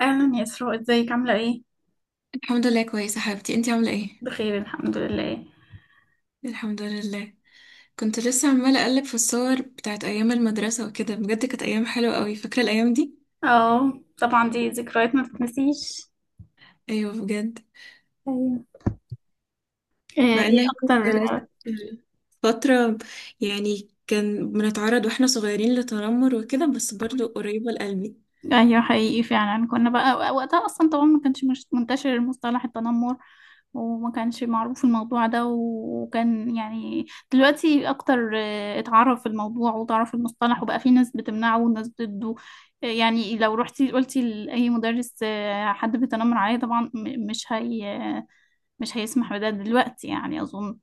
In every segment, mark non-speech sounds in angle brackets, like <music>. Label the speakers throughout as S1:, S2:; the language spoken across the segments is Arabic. S1: اهلا يا اسراء، ازيك عامله ايه؟
S2: الحمد لله كويسة حبيبتي، انتي عاملة ايه؟
S1: بخير، الحمد لله.
S2: الحمد لله. كنت لسه عمالة اقلب في الصور بتاعت ايام المدرسة وكده. بجد كانت ايام حلوة قوي. فاكرة الايام دي؟
S1: اه. طبعا دي ذكريات ما تتنسيش.
S2: ايوه بجد.
S1: ايوه. ايه
S2: مع ان
S1: إيه
S2: هي
S1: اكتر؟
S2: كانت فترة، يعني كان بنتعرض واحنا صغيرين لتنمر وكده، بس برضو قريبة لقلبي.
S1: ايوه، حقيقي. فعلا كنا بقى وقتها اصلا، طبعا ما كانش مش منتشر مصطلح التنمر، وما كانش معروف الموضوع ده. وكان يعني دلوقتي اكتر اتعرف الموضوع وتعرف المصطلح وبقى في ناس بتمنعه وناس ضده. يعني لو رحتي قلتي لأي مدرس حد بيتنمر عليه، طبعا مش هي مش هيسمح بده دلوقتي، يعني أظن.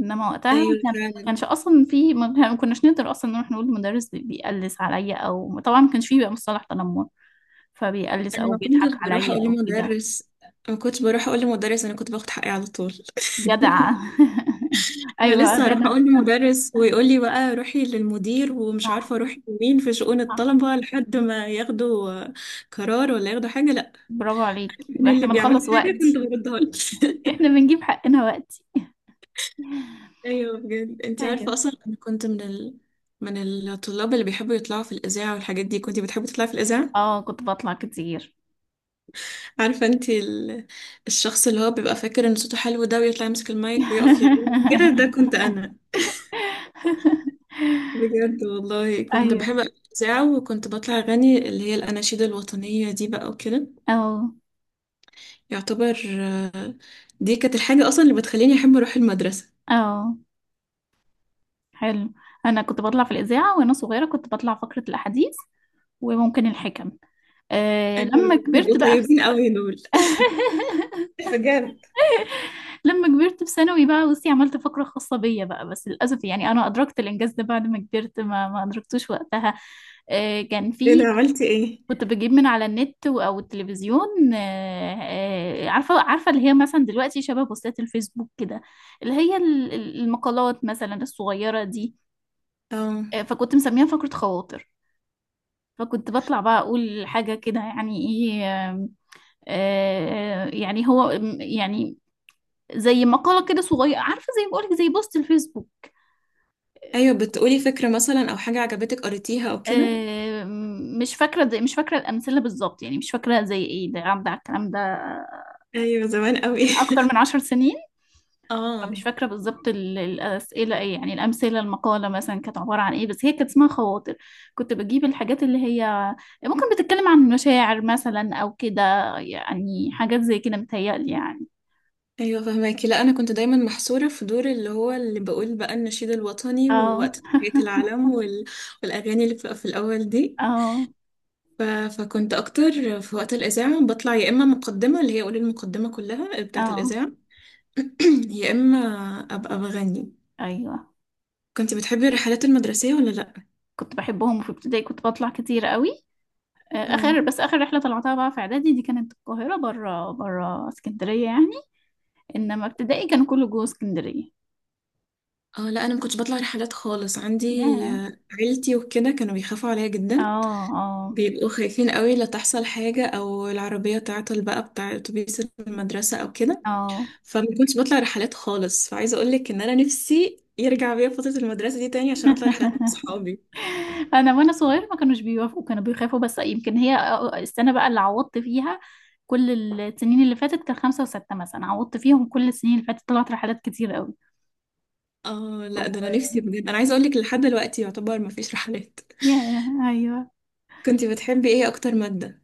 S1: إنما وقتها
S2: ايوه
S1: كان ما
S2: فعلا.
S1: كانش أصلا في ما كناش نقدر أصلا نروح نقول المدرس بيقلس عليا، أو طبعا ما كانش فيه بقى مصطلح تنمر، فبيقلس
S2: انا
S1: أو
S2: ما
S1: بيضحك
S2: كنتش بروح
S1: عليا
S2: اقول
S1: أو كده.
S2: لمدرس. ما كنتش بروح اقول لمدرس انا كنت باخد حقي على طول. <laughs>
S1: جدع. <laughs>
S2: انا
S1: أيوة
S2: لسه هروح
S1: جدع.
S2: اقول لمدرس ويقول لي بقى روحي للمدير، ومش
S1: صح،
S2: عارفه اروحي لمين في شؤون
S1: صح.
S2: الطلبه لحد ما ياخدوا قرار ولا ياخدوا حاجه، لا.
S1: برافو عليك.
S2: من اللي
S1: احنا
S2: بيعمل
S1: بنخلص
S2: لي حاجه كنت
S1: وقتي.
S2: بردها لك. <laughs>
S1: احنا بنجيب حقنا وقتي.
S2: ايوه بجد. انت عارفه
S1: ايوه.
S2: اصلا انا كنت من من الطلاب اللي بيحبوا يطلعوا في الاذاعه والحاجات دي. كنت بتحبي تطلعي في الاذاعه.
S1: اه، كنت بطلع كتير.
S2: عارفه انت الشخص اللي هو بيبقى فاكر ان صوته حلو ده، ويطلع يمسك المايك ويقف يغني كده؟ ده
S1: <laughs>
S2: كنت انا. بجد والله كنت
S1: ايوه.
S2: بحب الإذاعة، وكنت بطلع أغني اللي هي الأناشيد الوطنية دي بقى وكده.
S1: اه.
S2: يعتبر دي كانت الحاجة أصلا اللي بتخليني أحب أروح المدرسة.
S1: اه، حلو. انا كنت بطلع في الاذاعه وانا صغيره، كنت بطلع فقره الاحاديث وممكن الحكم. أه،
S2: أيوة
S1: لما
S2: دول بيبقوا
S1: كبرت بقى في...
S2: طيبين أوي دول.
S1: <laughs>
S2: <laughs> بجد.
S1: لما كبرت في ثانوي بقى، بصي عملت فقره خاصه بيا بقى، بس للاسف يعني انا ادركت الانجاز ده بعد ما كبرت، ما ادركتوش وقتها. أه، كان
S2: أنا
S1: في،
S2: عملتي إيه؟
S1: كنت بجيب من على النت او التلفزيون. أه، عارفه اللي هي مثلا دلوقتي شبه بوستات الفيسبوك كده، اللي هي المقالات مثلا الصغيره دي.
S2: أه.
S1: أه، فكنت مسميها فقره خواطر. فكنت بطلع بقى اقول حاجة كده، يعني ايه. يعني هو، يعني زي مقالة كده صغيرة، عارفة، زي ما بقولك، زي بوست الفيسبوك.
S2: أيوة بتقولي فكرة مثلا، أو حاجة عجبتك قريتيها أو كده.
S1: مش فاكرة، زي، مش فاكرة الأمثلة بالظبط، يعني مش فاكرة زي ايه ده عدى على الكلام ده.
S2: أيوة زمان أوي.
S1: يمكن أكتر من 10 سنين،
S2: <laughs> اه.
S1: فمش فاكرة بالظبط الأسئلة ايه يعني، الأمثلة المقالة مثلا كانت عبارة عن ايه، بس هي كانت اسمها خواطر. كنت بجيب الحاجات اللي هي ممكن بتتكلم عن مشاعر مثلا أو كده، يعني حاجات زي كده متهيألي يعني.
S2: ايوه فهماكي. لا، انا كنت دايما محصوره في دور اللي هو اللي بقول بقى النشيد الوطني
S1: اه.
S2: ووقت تحيه العلم والاغاني اللي بتبقى في الاول دي.
S1: اه.
S2: ف... فكنت اكتر في وقت الاذاعه بطلع يا اما مقدمه، اللي هي اقول المقدمه كلها بتاعه
S1: اه.
S2: الاذاعه، <clears throat> يا اما ابقى بغني.
S1: ايوه،
S2: كنت بتحبي الرحلات المدرسيه ولا لا؟
S1: كنت بحبهم، وفي ابتدائي كنت بطلع كتير قوي.
S2: اه
S1: اخر، بس اخر رحله طلعتها بقى في اعدادي دي كانت القاهره، بره بره اسكندريه يعني. انما ابتدائي كان كله جوه اسكندريه.
S2: اه. لا، انا ما كنتش بطلع رحلات خالص. عندي
S1: ياه.
S2: عيلتي وكده كانوا بيخافوا عليا
S1: اه.
S2: جدا.
S1: اه.
S2: بيبقوا خايفين قوي لا تحصل حاجه، او العربيه تعطل بقى بتاع اتوبيس المدرسه او كده.
S1: اه.
S2: فما كنتش بطلع رحلات خالص. فعايزه اقول لك ان انا نفسي يرجع بيا فتره المدرسه دي تاني عشان اطلع رحلات مع
S1: <laughs>
S2: اصحابي.
S1: انا وانا صغير ما كانوش بيوافقوا، كانوا بيخافوا. بس يمكن هي، السنه بقى اللي عوضت فيها كل السنين اللي فاتت، كان خمسة وستة مثلا، عوضت فيهم كل السنين اللي فاتت، طلعت رحلات كتير قوي.
S2: اه
S1: و...
S2: لا ده انا نفسي بجد. انا عايزه اقول لك، لحد دلوقتي يعتبر ما فيش رحلات.
S1: ياه. ايوه.
S2: كنت بتحبي ايه اكتر ماده؟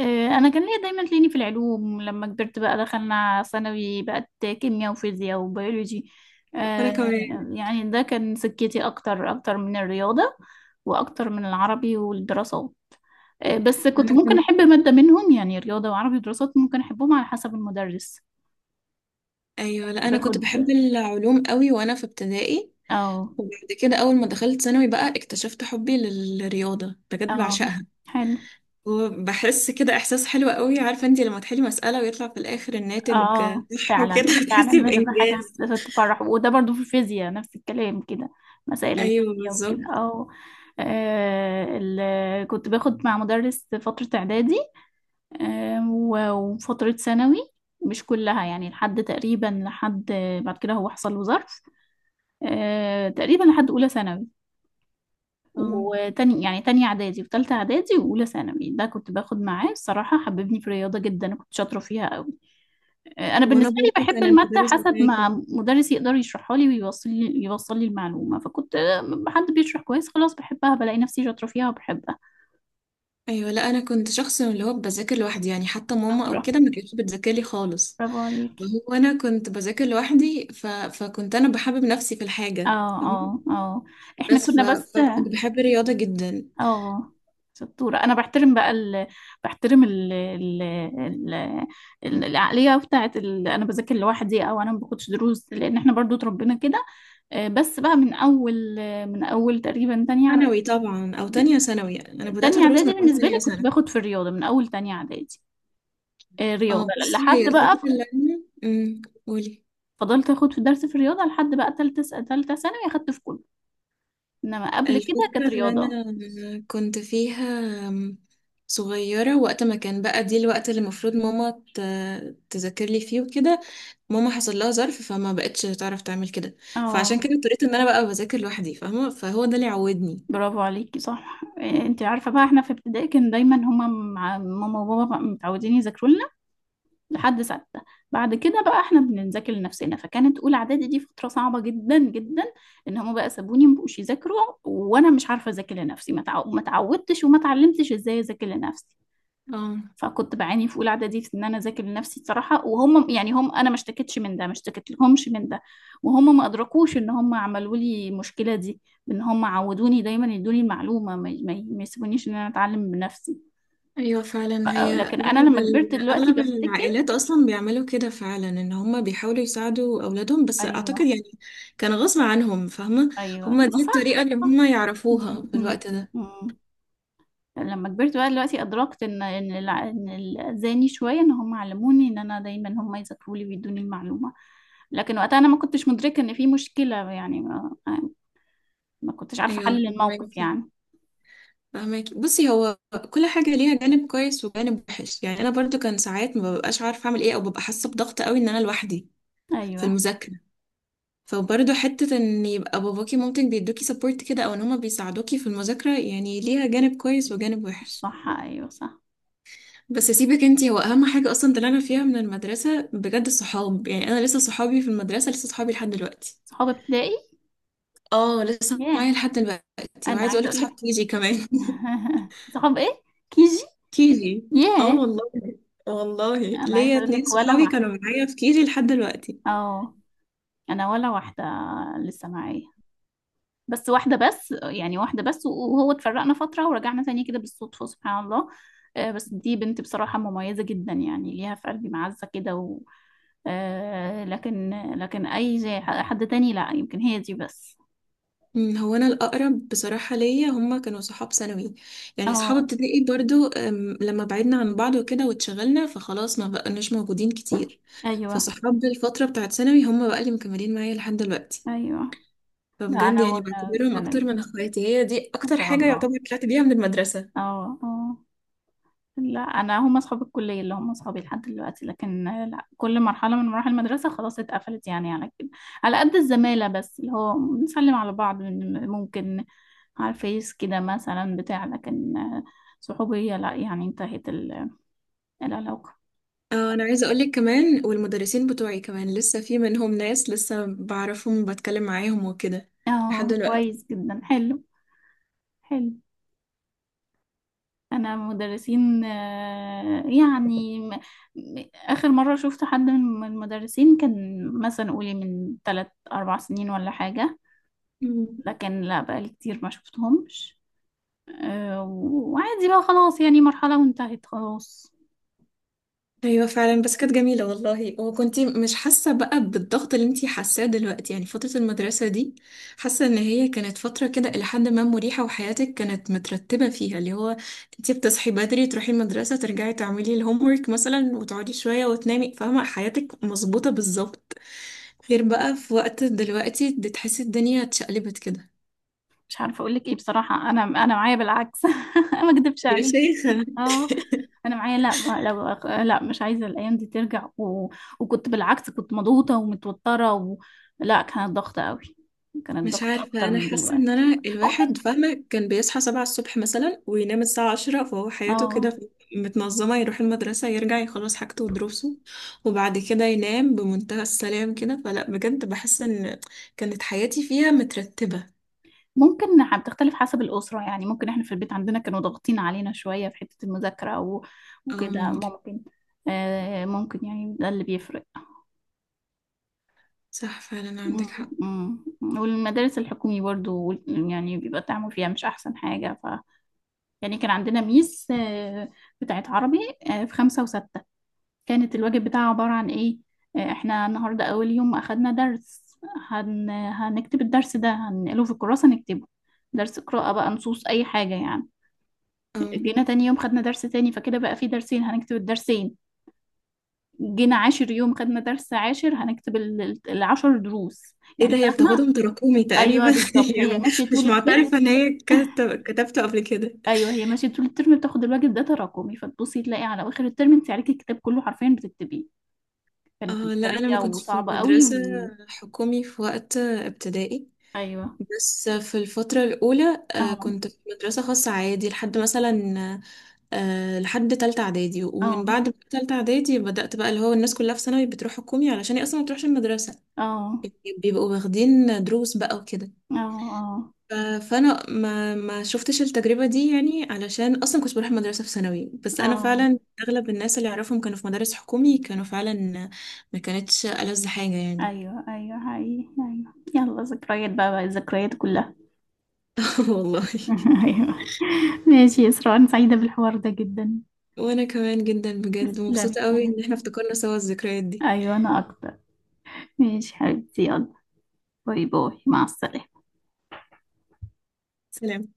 S1: انا كان ليا دايما، تلاقيني في العلوم. لما كبرت بقى دخلنا ثانوي، بقت كيمياء وفيزياء وبيولوجي.
S2: وانا
S1: آه،
S2: كمان.
S1: يعني ده كان سكتي اكتر، اكتر من الرياضة واكتر من العربي والدراسات. بس كنت
S2: انا
S1: ممكن احب
S2: كنت
S1: مادة منهم يعني، رياضة وعربي ودراسات ممكن احبهم على حسب المدرس.
S2: ايوه لا انا كنت
S1: باخد.
S2: بحب العلوم قوي وانا في ابتدائي.
S1: اه.
S2: وبعد كده اول ما دخلت ثانوي بقى اكتشفت حبي للرياضه. بجد
S1: اه،
S2: بعشقها.
S1: حلو.
S2: وبحس كده احساس حلو قوي. عارفه انت لما تحلي مساله ويطلع في الاخر الناتج؟
S1: اه،
S2: صح
S1: فعلا
S2: وكده. <laughs> بتحسي
S1: فعلا بتبقى حاجة
S2: بانجاز.
S1: تفرح، وده برضو في الفيزياء نفس الكلام كده، مسائل
S2: ايوه
S1: الفيزياء وكده.
S2: بالظبط.
S1: أو كنت باخد مع مدرس فترة إعدادي، وفترة ثانوي، مش كلها يعني، لحد تقريبا، لحد بعد كده هو حصل له ظرف. آه، تقريبا لحد أولى ثانوي.
S2: اه
S1: وتاني يعني تانية إعدادي وتالتة إعدادي وأولى ثانوي، ده كنت باخد معاه. الصراحة حببني في الرياضة جدا، أنا كنت شاطرة فيها أوي. انا
S2: وانا
S1: بالنسبه لي
S2: برضه
S1: بحب
S2: كان
S1: الماده
S2: المدرس
S1: حسب
S2: بتاعي
S1: ما
S2: كده.
S1: مدرس يقدر يشرحها لي، ويوصل لي يوصل لي المعلومه. فكنت، حد بيشرح كويس، خلاص بحبها، بلاقي نفسي شاطره فيها وبحبها.
S2: ايوه لا انا كنت شخص من اللي هو بذاكر لوحدي. يعني حتى ماما
S1: شاطره.
S2: او كده ما كانتش بتذاكر لي خالص.
S1: برافو عليكي.
S2: وهو انا كنت بذاكر لوحدي فكنت انا بحبب نفسي في
S1: اه.
S2: الحاجه، فاهمه.
S1: اه. اه. احنا كنا بس.
S2: فكنت بحب الرياضه جدا.
S1: اه، شطوره. انا بحترم بقى ال... بحترم ال... ال... ال... العقليه بتاعت ال... انا بذاكر لوحدي، او انا ما باخدش دروس، لان احنا برضو اتربينا كده. بس بقى من اول تقريبا تانية اعدادي،
S2: ثانوي طبعا، او تانية ثانوي. يعني انا بدات
S1: تانية
S2: ادرس
S1: اعدادي.
S2: من اول
S1: بالنسبة
S2: تانية
S1: لي كنت
S2: سنه.
S1: باخد في الرياضة من اول تانية اعدادي. رياضة
S2: اه بصي،
S1: لحد
S2: هي
S1: بقى.
S2: الفتره اللي انا قولي.
S1: فضلت اخد في درس في الرياضة لحد بقى تالتة ثانوي اخدت في كله، انما قبل كده
S2: الفترة
S1: كانت
S2: اللي
S1: رياضة.
S2: أنا كنت فيها صغيرة، وقت ما كان بقى دي الوقت اللي المفروض ماما تذاكر لي فيه وكده، ماما حصل لها ظرف فما بقتش تعرف تعمل كده.
S1: اه،
S2: فعشان كده اضطريت ان انا بقى بذاكر لوحدي، فاهمة؟ فهو ده اللي عودني.
S1: برافو عليكي. صح. إيه، انت عارفه بقى احنا في ابتدائي كان دايما هما مع ماما وبابا بقى متعودين يذاكروا لنا لحد سته. بعد كده بقى احنا بنذاكر لنفسنا. فكانت اولى اعدادي دي فتره صعبه جدا جدا، ان هما بقى سابوني مبقوش يذاكروا وانا مش عارفه اذاكر لنفسي، ما اتعودتش وما اتعلمتش ازاي اذاكر لنفسي.
S2: اه
S1: فكنت بعاني في اولى اعدادي في ان انا اذاكر لنفسي بصراحه. وهم يعني هم، انا ما اشتكيتش من ده، ما اشتكيت لهمش من ده، وهم ما ادركوش ان هم عملوا لي المشكله دي، بان هم عودوني دايما يدوني المعلومه، ما ما يسيبونيش ان انا اتعلم بنفسي.
S2: ايوه فعلا. هي
S1: لكن انا
S2: اغلب
S1: لما كبرت دلوقتي
S2: اغلب
S1: بفتكر.
S2: العائلات اصلا بيعملوا كده فعلا. ان هم بيحاولوا يساعدوا اولادهم، بس اعتقد
S1: ايوه.
S2: يعني كان غصب عنهم، فاهمة؟
S1: ايوه
S2: هم
S1: ما
S2: دي الطريقة
S1: صح،
S2: اللي
S1: صح.
S2: هم
S1: م-
S2: يعرفوها في
S1: م-
S2: الوقت ده.
S1: م- لما كبرت بقى دلوقتي ادركت ان اذاني شويه، ان هم علموني ان انا دايما هم يذاكروا لي ويدوني المعلومه. لكن وقتها انا ما كنتش مدركه ان في مشكله يعني، ما، ما كنتش عارفه
S2: ايوه
S1: احلل الموقف
S2: فهمك.
S1: يعني.
S2: فهماكي بصي، هو كل حاجة ليها جانب كويس وجانب وحش. يعني أنا برضو كان ساعات ما ببقاش عارفة أعمل إيه، أو ببقى حاسة بضغط قوي إن أنا لوحدي في
S1: ايوه،
S2: المذاكرة. فبرضو حتة إن يبقى باباكي مامتك بيدوكي سبورت كده، أو إن هما بيساعدوكي في المذاكرة، يعني ليها جانب كويس وجانب وحش.
S1: صح. ايوه، صح.
S2: بس سيبك انتي، هو أهم حاجة أصلا طلعنا فيها من المدرسة بجد الصحاب. يعني أنا لسه صحابي في المدرسة، لسه صحابي لحد دلوقتي.
S1: صحاب ابتدائي.
S2: اه لسه معايا
S1: ياه،
S2: لحد دلوقتي.
S1: انا
S2: وعايزة
S1: عايزه
S2: أقولك
S1: اقول لك.
S2: صحاب كيجي كمان.
S1: <laughs> صحاب ايه؟ كيجي.
S2: كيجي اه
S1: ياه،
S2: والله. والله
S1: انا عايزه
S2: ليا
S1: اقول
S2: اتنين
S1: لك ولا
S2: صحابي كانوا
S1: واحده.
S2: معايا في كيجي لحد دلوقتي.
S1: اه. انا ولا واحده لسه معايا، بس واحدة بس، يعني واحدة بس. وهو اتفرقنا فترة ورجعنا تاني كده بالصدفة، سبحان الله. بس دي بنت بصراحة مميزة جدا، يعني ليها في قلبي معزة كده. و... لكن، لكن أي زي حد تاني لا يمكن، هي دي بس.
S2: هو انا الاقرب بصراحه ليا هما كانوا صحاب ثانوي. يعني صحاب
S1: اه.
S2: ابتدائي برضو لما بعدنا عن بعض وكده واتشغلنا فخلاص ما بقناش موجودين كتير.
S1: أيوه.
S2: فصحاب الفتره بتاعت ثانوي هما بقى اللي مكملين معايا لحد دلوقتي.
S1: أيوه. لا،
S2: فبجد
S1: أنا
S2: يعني
S1: ولا
S2: بعتبرهم اكتر
S1: ثانوي.
S2: من اخواتي. هي دي
S1: ما
S2: اكتر
S1: شاء
S2: حاجه
S1: الله.
S2: يعتبر طلعت بيها من المدرسه.
S1: اه. اه. لا، انا هم اصحاب الكليه اللي هم اصحابي لحد دلوقتي، لكن لا، كل مرحله من مراحل المدرسه خلاص اتقفلت يعني، على كده، على قد الزماله بس اللي هو بنسلم على بعض ممكن على الفيس كده مثلا بتاع، لكن صحوبيه لا، يعني انتهت العلاقه.
S2: اه انا عايزه اقولك كمان، والمدرسين بتوعي كمان لسه في منهم ناس لسه بعرفهم وبتكلم معاهم وكده لحد
S1: اه،
S2: دلوقتي.
S1: كويس جدا، حلو. حلو. انا مدرسين، يعني اخر مره شفت حد من المدرسين كان مثلا قولي من ثلاث اربع سنين ولا حاجه، لكن لا، بقالي كتير ما شفتهمش. وعادي بقى خلاص، يعني مرحلة وانتهت خلاص.
S2: ايوه فعلا. بس كانت جميله والله، وكنتي مش حاسه بقى بالضغط اللي انتي حاساه دلوقتي، يعني فتره المدرسه دي. حاسه ان هي كانت فتره كده الى حد ما مريحه، وحياتك كانت مترتبه فيها، اللي هو انتي بتصحي بدري تروحي المدرسه، ترجعي تعملي الهوم ورك مثلا، وتقعدي شويه وتنامي، فاهمه؟ حياتك مظبوطه بالظبط. غير بقى في وقت دلوقتي بتحسي الدنيا اتشقلبت كده.
S1: مش عارفة اقول لك ايه بصراحة، انا معايا بالعكس. <laughs> ما اكدبش
S2: يا
S1: عليكي.
S2: شيخة
S1: اه. انا معايا، لا، لا، مش عايزة الايام دي ترجع. و... وكنت بالعكس، كنت مضغوطة ومتوترة. و... لا، كانت ضغطة قوي، كانت
S2: مش
S1: ضغطة
S2: عارفة.
S1: اكتر
S2: أنا
S1: من
S2: حاسة إن
S1: دلوقتي.
S2: أنا
S1: ممكن.
S2: الواحد، فاهمة، كان بيصحى سبعة الصبح مثلا وينام الساعة عشرة، فهو حياته
S1: اه،
S2: كده متنظمة. يروح المدرسة يرجع يخلص حاجته ودروسه، وبعد كده ينام بمنتهى السلام كده. فلا بجد بحس إن كانت حياتي فيها مترتبة.
S1: ممكن. بتختلف حسب الأسرة، يعني ممكن احنا في البيت عندنا كانوا ضاغطين علينا شوية في حتة المذاكرة
S2: اه
S1: وكده
S2: ممكن.
S1: ممكن. ممكن يعني ده اللي بيفرق.
S2: صح فعلا
S1: مم،
S2: عندك حق.
S1: مم. والمدارس الحكومي برضو، يعني بيبقى التعامل فيها مش أحسن حاجة. ف يعني كان عندنا ميس بتاعت عربي في خمسة وستة، كانت الواجب بتاعها عبارة عن إيه؟ احنا النهاردة أول يوم أخدنا درس، هنكتب الدرس ده، هنقله في الكراسة نكتبه. درس قراءة بقى، نصوص، أي حاجة يعني.
S2: اه.
S1: جينا تاني يوم خدنا درس تاني، فكده بقى في درسين هنكتب الدرسين. جينا عاشر يوم خدنا درس عاشر، هنكتب العشر دروس
S2: ايه
S1: يعني،
S2: ده، هي
S1: فاهمة؟
S2: بتاخدهم تراكمي
S1: أيوه
S2: تقريبا. <laughs>
S1: بالظبط،
S2: هي
S1: هي ماشية
S2: مش
S1: طول الترم.
S2: معترفة ان هي كتبته قبل كده.
S1: أيوه، هي ماشية طول الترم، بتاخد الواجب ده تراكمي، فتبصي تلاقي على آخر الترم أنت عليكي الكتاب كله حرفيا بتكتبيه.
S2: اه
S1: كانت
S2: لا انا ما
S1: مسترية
S2: كنتش في
S1: وصعبة قوي.
S2: مدرسة
S1: و...
S2: حكومي في وقت ابتدائي.
S1: أيوه.
S2: بس في الفترة الأولى
S1: أه.
S2: كنت في مدرسة خاصة عادي لحد مثلا لحد تالتة إعدادي. ومن
S1: أه.
S2: بعد تالتة إعدادي بدأت بقى اللي هو الناس كلها في ثانوي بتروح حكومي، علشان هي أصلا ما بتروحش المدرسة،
S1: أه.
S2: يعني بيبقوا واخدين دروس بقى وكده.
S1: أه. أه.
S2: ف- فأنا ما شفتش التجربة دي، يعني علشان أصلا كنت بروح المدرسة في ثانوي. بس أنا
S1: أه.
S2: فعلا أغلب الناس اللي أعرفهم كانوا في مدارس حكومي، كانوا فعلا ما كانتش ألذ حاجة يعني.
S1: أيوه. أيوه، حقيقي. أيوه، يلا، ذكريات بقى، الذكريات كلها.
S2: <laughs> والله.
S1: <laughs> أيوه. ماشي يا إسراء، أنا سعيدة بالحوار ده جدا.
S2: وانا كمان جدا. بجد
S1: تسلمي يا
S2: مبسوطة قوي ان
S1: حبيبتي.
S2: احنا افتكرنا سوا الذكريات دي.
S1: أيوة، أنا أكتر. ماشي حبيبتي، يلا، باي باي، مع السلامة.
S2: سلام.